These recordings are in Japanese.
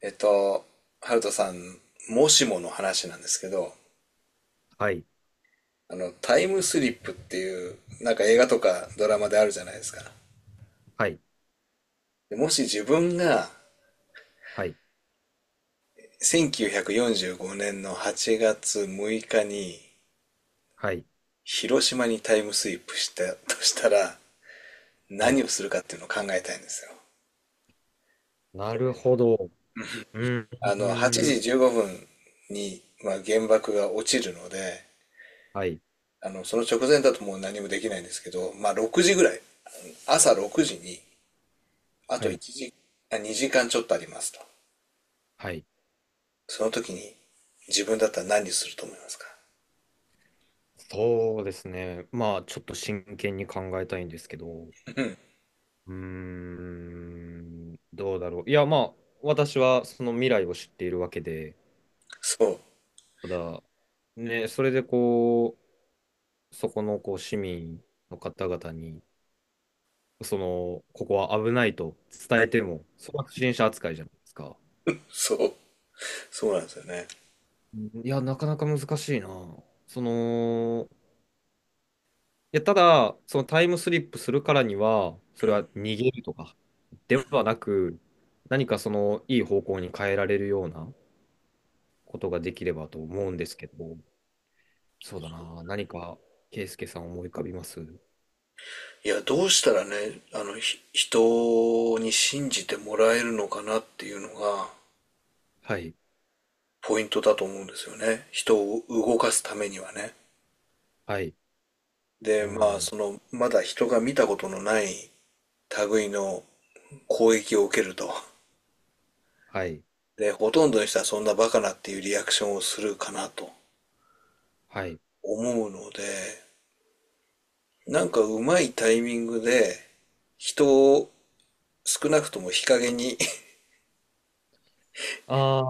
えっと、ハルトさん、もしもの話なんですけど、はい、タイムスリップっていう、なんか映画とかドラマであるじゃないですか。はい、でもし自分がはい、1945年の8月6日にはい、広島にタイムスリップしたとしたら、はい。何をするかっていうのを考えたいんですよ。なるほど。う8ん、ん、時15分に、まあ、原爆が落ちるので、はい、その直前だともう何もできないんですけど、まあ、6時ぐらい、朝6時に、あはとい、1時、2時間ちょっとありますと。はい。その時に自分だったら、何すると思いますか？そうですね。まあ、ちょっと真剣に考えたいんですけど、うーん、どうだろう。いや、まあ、私はその未来を知っているわけで、そう、ただ、ね、それでこう、そこのこう市民の方々に、その、ここは危ないと伝えても、それは不審者扱いじゃないですか。そう、そうなんですよね。いや、なかなか難しいな。その、いや、ただ、そのタイムスリップするからには、それは逃げるとかではなく、何かその、いい方向に変えられるようなことができればと思うんですけど、そうだな。何か、圭介さん思い浮かびます？いや、どうしたらね、人に信じてもらえるのかなっていうのがはい、ポイントだと思うんですよね。人を動かすためにはね。はい、で、うまあ、ん、まだ人が見たことのない類の攻撃を受けると。はい、で、ほとんどの人はそんなバカなっていうリアクションをするかなとはい。思うので、なんかうまいタイミングで、人を少なくとも日陰に あ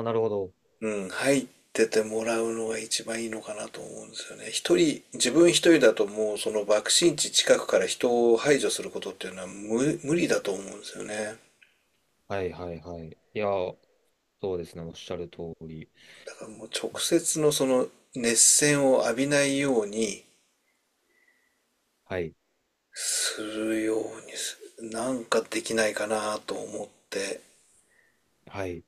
ー、なるほど。うん、入っててもらうのが一番いいのかなと思うんですよね。一人、自分一人だともう、その爆心地近くから人を排除することっていうのは、無理だと思うんですよね。はい、はい、はい。いや、そうですね。おっしゃる通り。だからもう、直接のその熱線を浴びないようにはい、するようにす、なんかできないかなと思って。はい。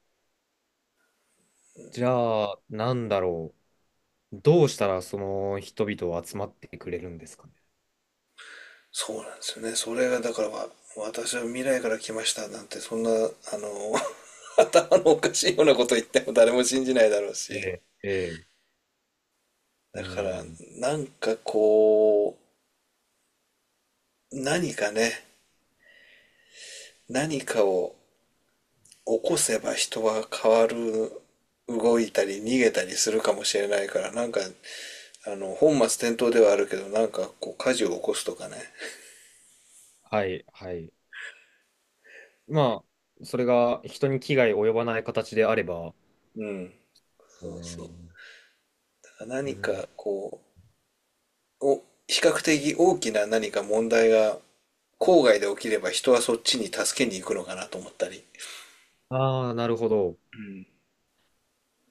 じゃあ、なんだろう。どうしたらその人々を集まってくれるんですかね。そうなんですよね。それがだから、私は未来から来ましたなんて、そんな頭のおかしいようなこと言っても、誰も信じないだろうえし。え、ええ、うだから、ん、なんかこう何かね、何かを起こせば人は変わる、動いたり逃げたりするかもしれないから、なんか本末転倒ではあるけど、なんかこう火事を起こすとかね。はい、はい。まあ、それが人に危害及ばない形であれば。うん。そうそうそね。う。だからう何ん、かこう比較的大きな何か問題が郊外で起きれば、人はそっちに助けに行くのかなと思ったり。ああ、なるほど。うん。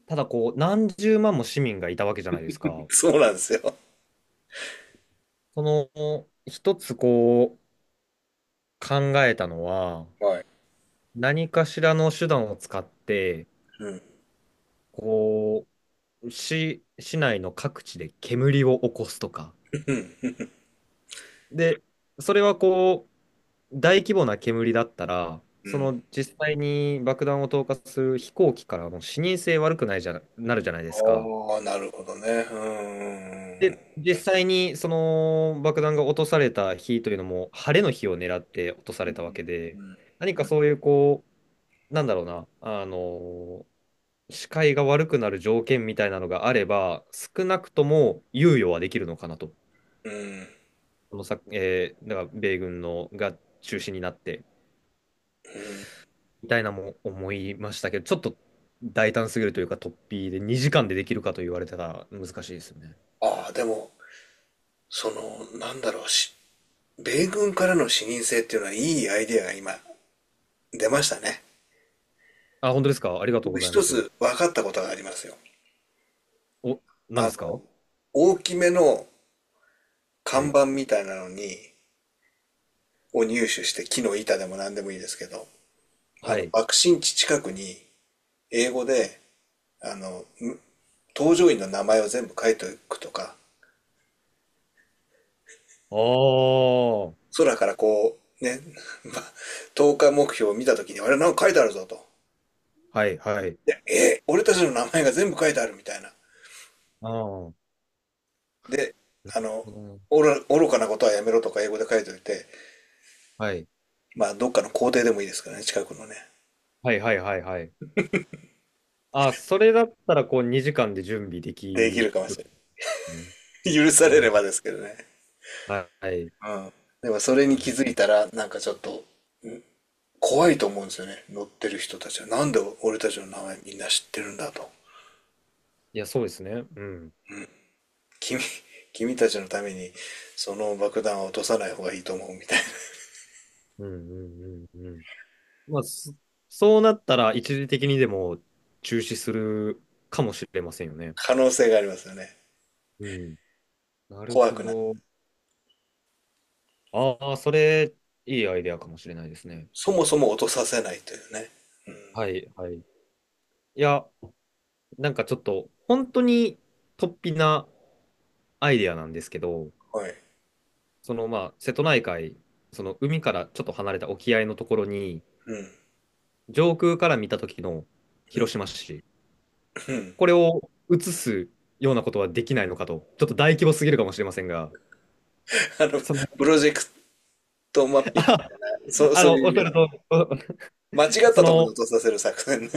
ただ、こう、何十万も市民がいたわけじゃないですか。そうなんですよ。その、一つこう、考えたのは、はい。何かしらの手段を使って、うん。こう、市内の各地で煙を起こすとか。うん。で、それはこう、大規模な煙だったら、うそん。の実際に爆弾を投下する飛行機からもう視認性悪くないじゃな、なるじゃないですか。ああ、なるほどね。うん。で、実際にその爆弾が落とされた日というのも、晴れの日を狙って落とさうれたわん。けで、何かそういうこう、なんだろうな、あの、視界が悪くなる条件みたいなのがあれば、少なくとも猶予はできるのかなと。うん。このさ、だから米軍のが中心になって。みたいなも思いましたけど、ちょっと大胆すぎるというか、突飛で2時間でできるかと言われたら難しいですよね。ああ、でも、なんだろうし、米軍からの視認性っていうのはいいアイデアが今出ましたね。あ、本当ですか？ありがとう僕ございま一す。つ分かったことがありますよ。お、何あですの、か？大きめのは看い。板みたいなのに、を入手して、木の板でも何でもいいですけど、はい。爆心地近くに、英語で、あの、搭乗員の名前を全部書いておくとか、ああ、は空からこう、ね 投下目標を見たときに、あれ、なんか書いてあるぞと。いはい。で、俺たちの名前が全部書いてあるみたいな。ああ、で、なるあの、ほどね。愚かなことはやめろとか英語で書いておいて、まあ、どっかの校庭でもいいですからね、近くのね。はいはいはいはいはい。あ、それだったらこう2時間で準備でできるきかもしるれね。ない 許されうれん。ばですけどね。はい。うん。でも、それに気づいたら、なんかちょっと、怖いと思うんですよね。乗ってる人たちは。なんで俺たちの名前みんな知ってるんだと。いや、そうですね。うん。君、君たちのためにその爆弾は落とさない方がいいと思うみたいな。うんうんうんうん。まあ、そうなったら一時的にでも中止するかもしれませんよね。可能性がありますよね。うん。なる怖ほくない？ど。ああ、それ、いいアイデアかもしれないですね。そもそも落とさせないというね。はい、はい。いや、なんかちょっと、本当に突飛なアイデアなんですけど、はい。その、まあ、瀬戸内海、その海からちょっと離れた沖合のところに、うん。上空から見た時の広島市、うん。これを映すようなことはできないのかと、ちょっと大規模すぎるかもしれませんが、あの、その プロジェクトマッピング。そ う、あそうの、いうおイっしメゃーると、ジ。お間違っそたところにの、落とさせる作戦ね。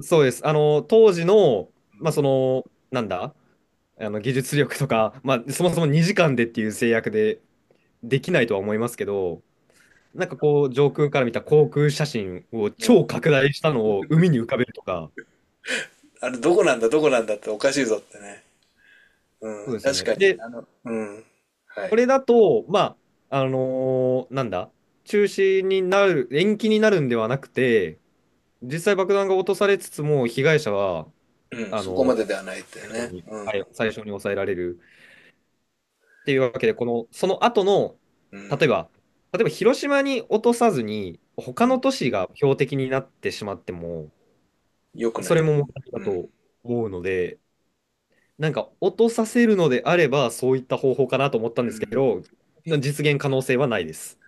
そうです。あの、当時の、まあ、その、なんだ、あの、技術力とか、まあ、そもそも2時間でっていう制約でできないとは思いますけど、なんかこう、上空から見た航空写真をうん。超拡大したのを海に浮かべるとか、あれ、どこなんだ、どこなんだっておかしいぞってね。うそん。うですよ確ね。かに。で、うん。はこい。れだと、まあ、なんだ、中止になる、延期になるんではなくて、実際爆弾が落とされつつも、被害者は、うん。あそこの、までではないって最初ね。にうん。はい最初に抑えられる。っていうわけで、この、その後の、うん。例えば、例えば広島に落とさずに、う他のん。都市が標的になってしまっても、よくなそい。れも問題だうん。と思うので、なんか落とさせるのであれば、そういった方法かなと思ったんうですけん。ど、実現可能性はないです。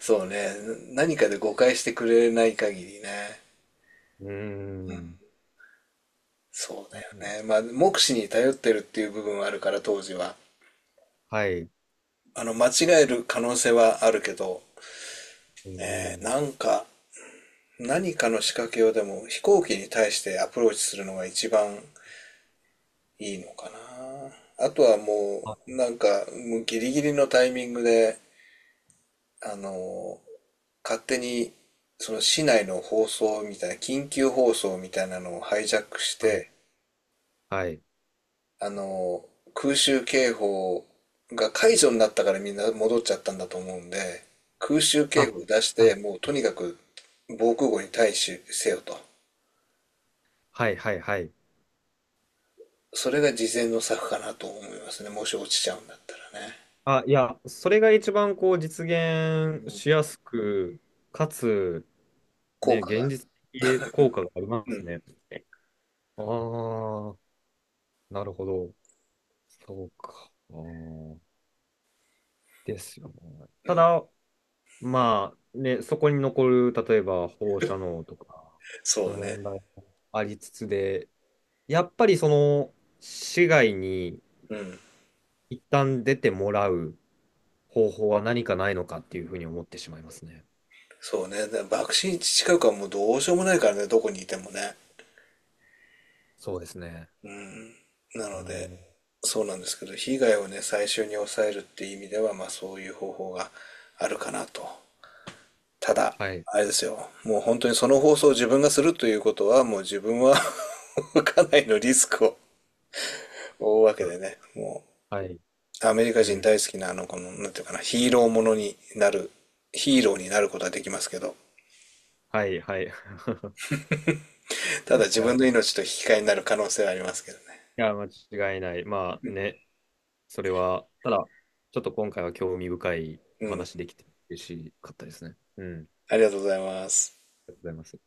そうね。何かで誤解してくれない限りね。うーん。そなんうだだ、よね。まあ、目視に頼ってるっていう部分はあるから、当時は。はい。間違える可能性はあるけど、うんうね、ん。なんか、何かの仕掛けをでも飛行機に対してアプローチするのが一番いいのかな。あとはもあ、う、なんか、もうギリギリのタイミングで、あの、勝手に、その市内の放送みたいな、緊急放送みたいなのをハイジャックして、はい。あの、空襲警報が解除になったからみんな戻っちゃったんだと思うんで、空襲警報あ、を出しはて、い。もうとにかく防空壕に対しせよと。はいはいはい。それが事前の策かなと思いますね。もし落ちちゃうんだったらね。あ、いや、それが一番こう実現しやすく、かつ、効ね、果現が。実的効果がありまうすん。ね。ああ、なるほど。そうか。あー、ですよね。ただ、まあ、ね、そこに残る、例えば放射能とかのそうね。問題もありつつで、やっぱりその、市外にうん。一旦出てもらう方法は何かないのかっていうふうに思ってしまいますね。そうね。で爆心地近くはもうどうしようもないからね、どこにいてもね。そうですね。なうので、ん、そうなんですけど、被害をね、最終に抑えるっていう意味では、まあそういう方法があるかなと。ただ、はい。あれですよ。もう本当にその放送を自分がするということは、もう自分は かなりのリスクを負うわけでね。もはい。う、アメリカう人ん。大好きななんていうかな、ヒーローになることはできますけど、はい、はい。ありがとうただ自ござい分のます。命と引き換えになる可能性はありますけどね。や、間違いない。まあね、それは、ただ、ちょっと今回は興味深いうおん。話できて嬉しかったですね。うん。ありがありがとうございます。とうございます。